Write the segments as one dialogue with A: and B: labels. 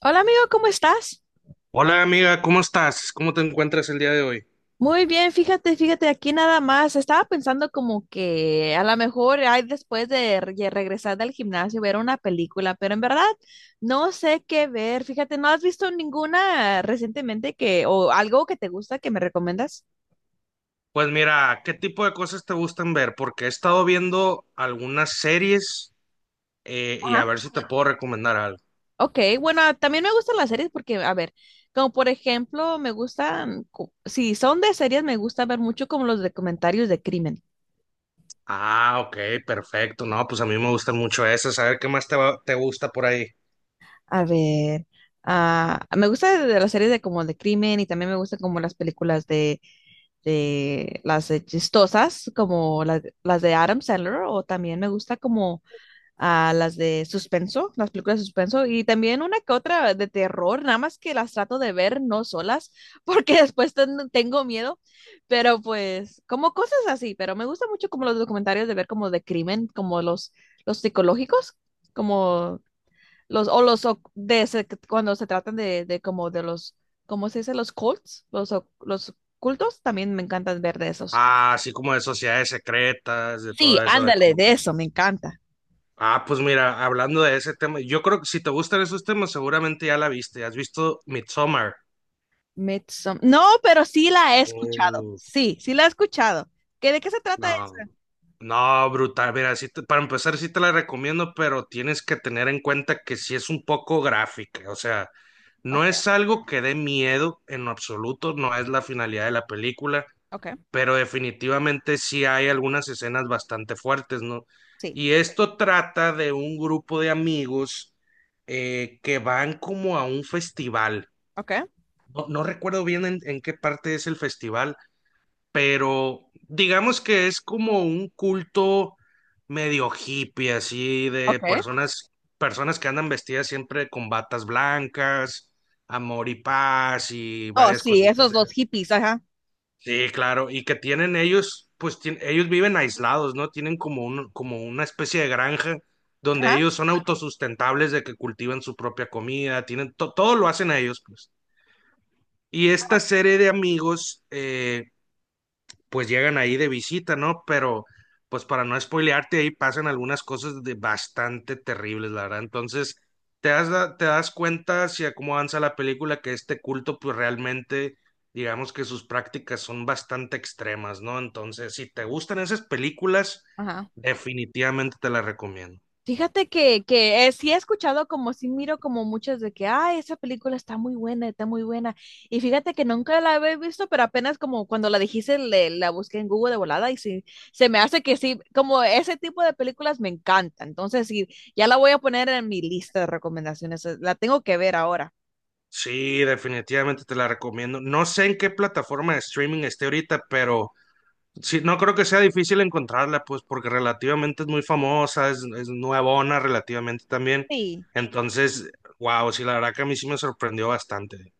A: Hola amigo, ¿cómo estás?
B: Hola amiga, ¿cómo estás? ¿Cómo te encuentras el día de hoy?
A: Muy bien, fíjate, aquí nada más. Estaba pensando como que a lo mejor hay después de regresar del gimnasio ver una película, pero en verdad no sé qué ver. Fíjate, ¿no has visto ninguna recientemente que o algo que te gusta que me recomiendas?
B: Pues mira, ¿qué tipo de cosas te gustan ver? Porque he estado viendo algunas series y a
A: Ajá.
B: ver si te puedo recomendar algo.
A: Ok, bueno, también me gustan las series porque, a ver, como por ejemplo, me gustan, si son de series, me gusta ver mucho como los documentarios de crimen.
B: Ah, ok, perfecto. No, pues a mí me gustan mucho esas. A ver qué más te gusta por ahí.
A: A ver, me gusta de las series de como de crimen y también me gustan como las películas de las de chistosas, como las de Adam Sandler, o también me gusta como las de suspenso, las películas de suspenso, y también una que otra de terror, nada más que las trato de ver no solas, porque después tengo miedo, pero pues como cosas así, pero me gusta mucho como los documentarios de ver como de crimen, como los psicológicos, como... Los, o los cuando se tratan de como de los, ¿cómo se dice? Los cults, los, los cultos, también me encantan ver de esos.
B: Ah, así como de sociedades secretas, de
A: Sí,
B: todo eso.
A: ándale, de eso, me encanta.
B: Ah, pues mira, hablando de ese tema, yo creo que si te gustan esos temas, seguramente ya la viste. ¿Has visto Midsommar?
A: No, pero sí la he escuchado.
B: Oh.
A: Sí la he escuchado. ¿Qué, de qué se trata
B: No,
A: eso?
B: no, brutal. Mira, para empezar, sí te la recomiendo, pero tienes que tener en cuenta que sí es un poco gráfica. O sea,
A: Ok,
B: no es algo que dé miedo en lo absoluto, no es la finalidad de la película,
A: ok,
B: pero definitivamente sí hay algunas escenas bastante fuertes, ¿no?
A: sí,
B: Y esto trata de un grupo de amigos que van como a un festival.
A: ok,
B: No, no recuerdo bien en qué parte es el festival, pero digamos que es como un culto medio hippie, así de
A: ok.
B: personas que andan vestidas siempre con batas blancas, amor y paz y
A: Oh,
B: varias
A: sí,
B: cositas.
A: esos dos hippies, ajá,
B: Sí, claro, y que tienen ellos, pues ellos viven aislados, ¿no? Tienen como una especie de granja donde
A: ajá,
B: ellos son autosustentables de que cultivan su propia comida, tienen todo lo hacen ellos, pues. Y esta serie de amigos, pues llegan ahí de visita, ¿no? Pero pues para no spoilearte, ahí pasan algunas cosas de bastante terribles, la verdad. Entonces, te das cuenta hacia cómo avanza la película que este culto, pues realmente, digamos que sus prácticas son bastante extremas, ¿no? Entonces, si te gustan esas películas,
A: ajá.
B: definitivamente te las recomiendo.
A: Fíjate que sí he escuchado como sí miro como muchas de que, ay, esa película está muy buena, está muy buena. Y fíjate que nunca la había visto, pero apenas como cuando la dijiste, la busqué en Google de volada y sí, se me hace que sí, como ese tipo de películas me encanta. Entonces sí, ya la voy a poner en mi lista de recomendaciones, la tengo que ver ahora.
B: Sí, definitivamente te la recomiendo. No sé en qué plataforma de streaming esté ahorita, pero sí, no creo que sea difícil encontrarla, pues, porque relativamente es muy famosa, es nuevona relativamente también.
A: Sí.
B: Entonces, wow, sí, la verdad que a mí sí me sorprendió bastante.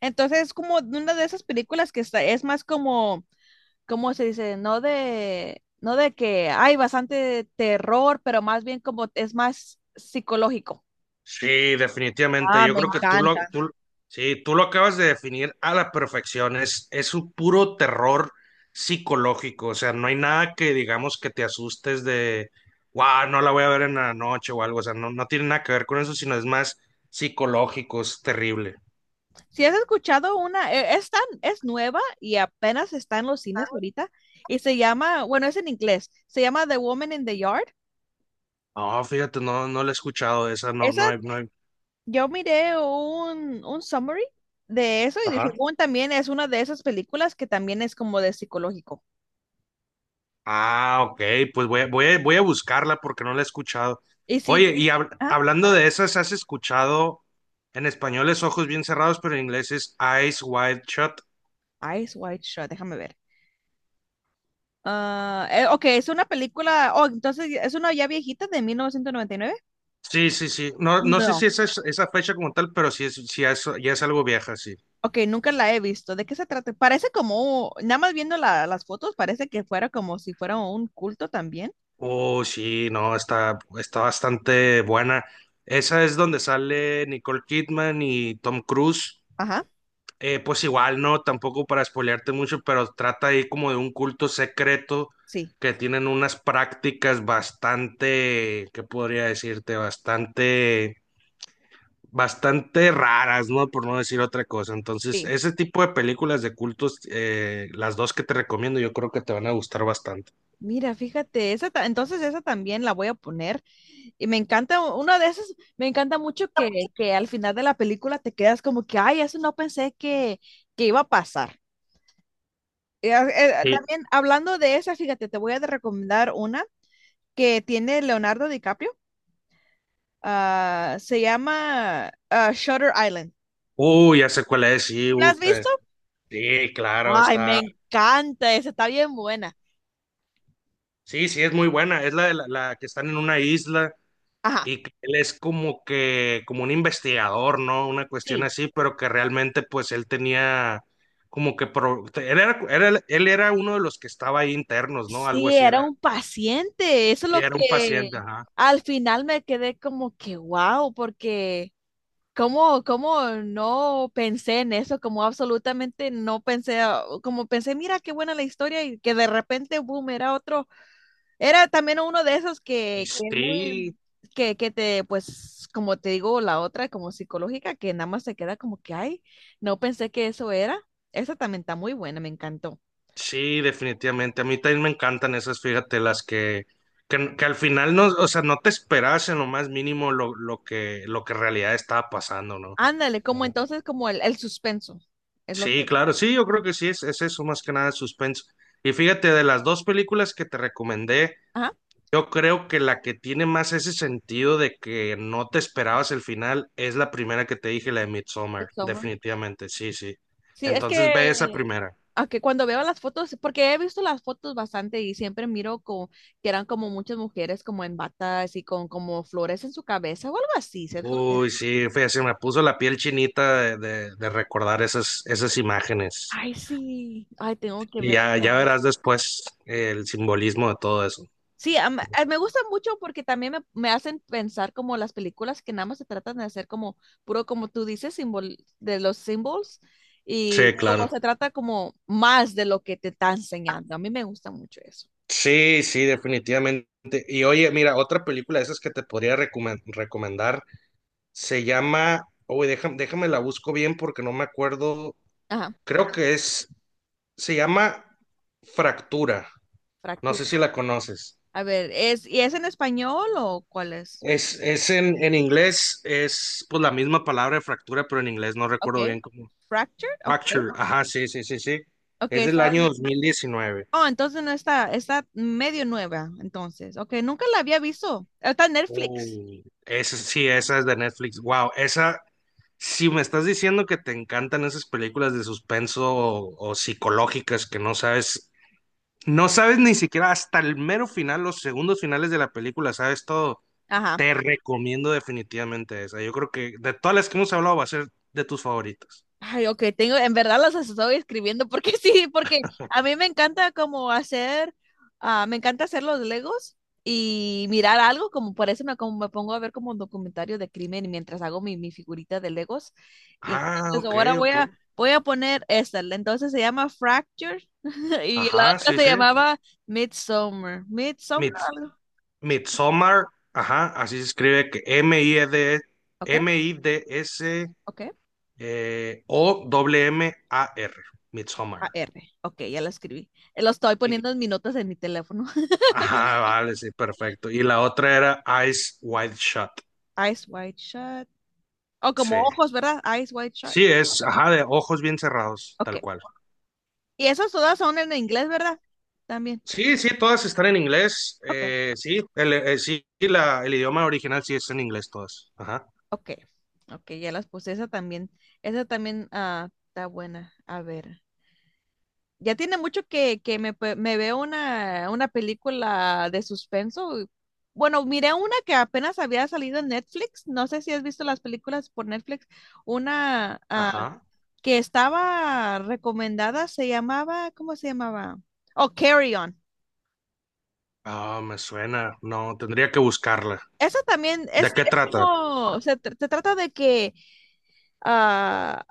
A: Entonces es como de una de esas películas que está, es más como ¿cómo se dice? No de que hay bastante terror, pero más bien como es más psicológico.
B: Sí, definitivamente.
A: Ah,
B: Yo
A: me
B: creo que
A: encanta.
B: sí, tú lo acabas de definir a la perfección. Es un puro terror psicológico. O sea, no hay nada que digamos que te asustes de, wow, no la voy a ver en la noche o algo. O sea, no, no tiene nada que ver con eso, sino es más psicológico, es terrible.
A: Si has escuchado una, es nueva y apenas está en los cines ahorita y se llama, bueno, es en inglés, se llama The Woman in the Yard.
B: No, fíjate, no, no la he escuchado, esa no,
A: Esa,
B: no hay, no hay.
A: yo miré un summary de eso y de
B: Ajá.
A: según también es una de esas películas que también es como de psicológico.
B: Ah, ok, pues voy a buscarla porque no la he escuchado.
A: Y sí,
B: Oye, y
A: ah,
B: hablando de esas, ¿has escuchado en español es ojos bien cerrados, pero en inglés es eyes wide shut?
A: Eyes Wide Shut, déjame ver. Ah, ok, es una película. Oh, entonces es una ya viejita de 1999.
B: Sí, sí, sí. No, no sé
A: No.
B: si esa es esa fecha como tal, pero sí es, ya es algo vieja, sí.
A: Ok, nunca la he visto. ¿De qué se trata? Parece como, nada más viendo las fotos, parece que fuera como si fuera un culto también.
B: Oh, sí, no, está bastante buena. Esa es donde sale Nicole Kidman y Tom Cruise.
A: Ajá,
B: Pues igual, no, tampoco para spoilearte mucho, pero trata ahí como de un culto secreto
A: sí.
B: que tienen unas prácticas bastante, ¿qué podría decirte? Bastante, bastante raras, ¿no? Por no decir otra cosa. Entonces,
A: Sí.
B: ese tipo de películas de cultos, las dos que te recomiendo, yo creo que te van a gustar bastante.
A: Mira, fíjate, entonces esa también la voy a poner. Y me encanta, una de esas, me encanta mucho que al final de la película te quedas como que, ay, eso no pensé que iba a pasar.
B: Sí.
A: También hablando de esa, fíjate, te voy a recomendar una que tiene Leonardo DiCaprio. Ah, se llama Shutter Island.
B: Uy, ya sé cuál es, sí,
A: ¿La has
B: puta,
A: visto?
B: sí, claro,
A: Ay, me
B: está.
A: encanta, esa está bien buena.
B: Sí, sí, es muy buena. Es la, de la, la que están en una isla.
A: Ajá,
B: Y que él es como que, como un investigador, ¿no? Una cuestión
A: sí.
B: así, pero que realmente pues él tenía como que, él era uno de los que estaba ahí internos, ¿no? Algo
A: Sí,
B: así
A: era
B: era,
A: un paciente. Eso es
B: y
A: lo
B: era un
A: que
B: paciente, ajá.
A: al final me quedé como que wow, porque cómo, cómo no pensé en eso, como absolutamente no pensé, como pensé, mira qué buena la historia y que de repente, boom, era otro. Era también uno de esos
B: Y
A: que es
B: sí,
A: muy, que pues, como te digo, la otra como psicológica, que nada más se queda como que, ay, no pensé que eso era. Esa también está muy buena, me encantó.
B: sí, definitivamente. A mí también me encantan esas, fíjate, las que al final no, o sea, no te esperas en lo más mínimo lo que en realidad estaba pasando, ¿no?
A: Ándale, como entonces, como el suspenso, es lo que...
B: Sí, claro, sí, yo creo que sí, es eso, más que nada suspenso. Y fíjate, de las dos películas que te recomendé,
A: Ajá,
B: yo creo que la que tiene más ese sentido de que no te esperabas el final es la primera que te dije, la de Midsommar,
A: Midsommar.
B: definitivamente, sí, sí.
A: Sí, es
B: Entonces ve esa
A: que,
B: primera.
A: a que cuando veo las fotos, porque he visto las fotos bastante y siempre miro como, que eran como muchas mujeres como en batas y con como flores en su cabeza o algo así, ¿cierto?
B: Uy, sí, fíjate, se me puso la piel chinita de, recordar esas imágenes.
A: Ay, sí, ay, tengo que
B: Y
A: ver.
B: ya verás después el simbolismo de todo eso.
A: Sí, me gustan mucho porque también me hacen pensar como las películas que nada más se tratan de hacer como puro, como tú dices, simbol, de los symbols y
B: Sí,
A: como
B: claro.
A: se trata como más de lo que te está enseñando. A mí me gusta mucho eso.
B: Sí, sí, definitivamente. Y oye, mira, otra película de esas que te podría recomendar se llama, oye, déjame la busco bien porque no me acuerdo,
A: Ajá,
B: creo que es, se llama Fractura, no sé
A: fractura.
B: si la conoces.
A: A ver, es, ¿y es en español o cuál es?
B: Es en, inglés, es pues la misma palabra de fractura, pero en inglés no recuerdo
A: Okay.
B: bien cómo.
A: Fractured, okay.
B: Fracture, ajá, sí, sí, sí, sí.
A: Okay,
B: Es del
A: esa-
B: año 2019.
A: Oh, entonces no está, está medio nueva, entonces. Okay, nunca la había visto. Está en
B: Oh.
A: Netflix.
B: Sí, esa es de Netflix. Wow, esa, si me estás diciendo que te encantan esas películas de suspenso o psicológicas que no sabes ni siquiera hasta el mero final, los segundos finales de la película, sabes todo,
A: Ajá.
B: te recomiendo definitivamente esa. Yo creo que de todas las que hemos hablado va a ser de tus favoritas.
A: Ay, ok, tengo, en verdad las estoy escribiendo porque sí, porque a mí me encanta como hacer, me encanta hacer los Legos y mirar algo, como por eso como me pongo a ver como un documentario de crimen y mientras hago mi figurita de Legos. Y
B: Ah,
A: entonces
B: ok,
A: ahora
B: ok.
A: voy a poner esta, entonces se llama Fracture y la
B: Ajá,
A: otra
B: sí,
A: se
B: sí.
A: llamaba Midsummer. Midsummer,
B: Midsommar, Midsommar, ajá, así se escribe que
A: ok,
B: M-I-D-S.
A: ok,
B: O W-M-A-R, Midsommar.
A: A-R, ok, ya la escribí. Lo estoy
B: Y-
A: poniendo en mis notas en mi teléfono.
B: ajá, vale, sí, perfecto. Y la otra era Eyes Wide Shut.
A: Eyes Wide Shut. O como
B: Sí.
A: ojos, ¿verdad? Eyes wide shut.
B: Sí,
A: Ok.
B: ajá, de ojos bien cerrados,
A: Ok.
B: tal cual.
A: Y esas todas son en inglés, ¿verdad? También.
B: Sí, sí, todas están en inglés.
A: Ok.
B: Sí, el idioma original sí es en inglés todas. Ajá,
A: Ok. Ok, ya las puse. Esa también. Esa también está buena. A ver. Ya tiene mucho que me veo una película de suspenso. Y- Bueno, miré una que apenas había salido en Netflix. No sé si has visto las películas por Netflix. Una
B: ajá.
A: que estaba recomendada se llamaba, ¿cómo se llamaba? Oh, Carry On.
B: Ah, me suena. No, tendría que buscarla.
A: Eso también
B: ¿De qué
A: es
B: trata?
A: como, se, se trata de que ah,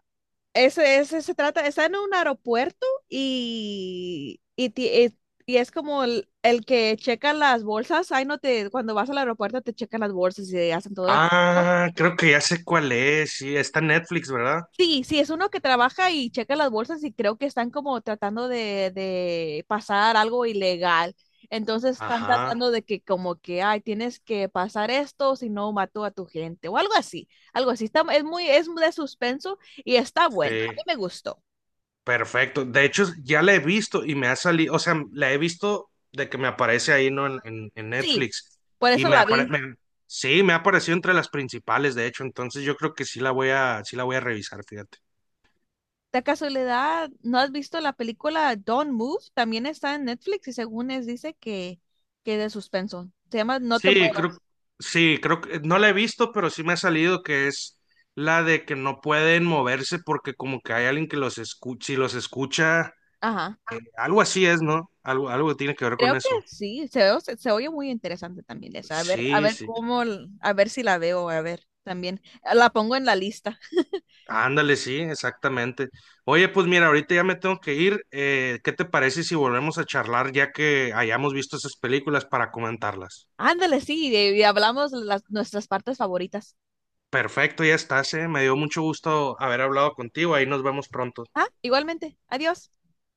A: ese, ese se trata, está en un aeropuerto y, y es como el que checa las bolsas. Ahí no te, cuando vas al aeropuerto te checan las bolsas y hacen todo el chequeo.
B: Ah, creo que ya sé cuál es. Sí, está en Netflix, ¿verdad?
A: Sí, sí, es uno que trabaja y checa las bolsas y creo que están como tratando de pasar algo ilegal. Entonces están
B: Ajá,
A: tratando de que como que, ay, tienes que pasar esto, si no mató a tu gente o algo así, algo así. Está, es muy, es de suspenso y está buena. A mí
B: sí.
A: me gustó.
B: Perfecto. De hecho, ya la he visto y me ha salido, o sea, la he visto de que me aparece ahí, ¿no? En
A: Sí,
B: Netflix.
A: por
B: Y
A: eso
B: me Bueno,
A: la vi.
B: aparece, sí, me ha aparecido entre las principales, de hecho. Entonces yo creo que sí la voy a revisar, fíjate.
A: De casualidad, ¿no has visto la película Don't Move? También está en Netflix y según es dice que de suspenso. Se llama No te
B: Sí, creo,
A: muevas.
B: sí, creo que no la he visto, pero sí me ha salido que es la de que no pueden moverse porque como que hay alguien que los escucha, si los escucha,
A: Ajá.
B: algo así es, ¿no? Algo tiene que ver con
A: Creo que
B: eso.
A: sí, se oye muy interesante también esa. A
B: Sí,
A: ver
B: sí.
A: cómo, a ver si la veo, a ver también. La pongo en la lista.
B: Ándale, sí, exactamente. Oye, pues mira, ahorita ya me tengo que ir. ¿Qué te parece si volvemos a charlar ya que hayamos visto esas películas para comentarlas?
A: Ándale, sí, y hablamos las, nuestras partes favoritas.
B: Perfecto, ya estás. Me dio mucho gusto haber hablado contigo. Ahí nos vemos pronto.
A: Ah, igualmente. Adiós.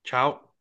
B: Chao.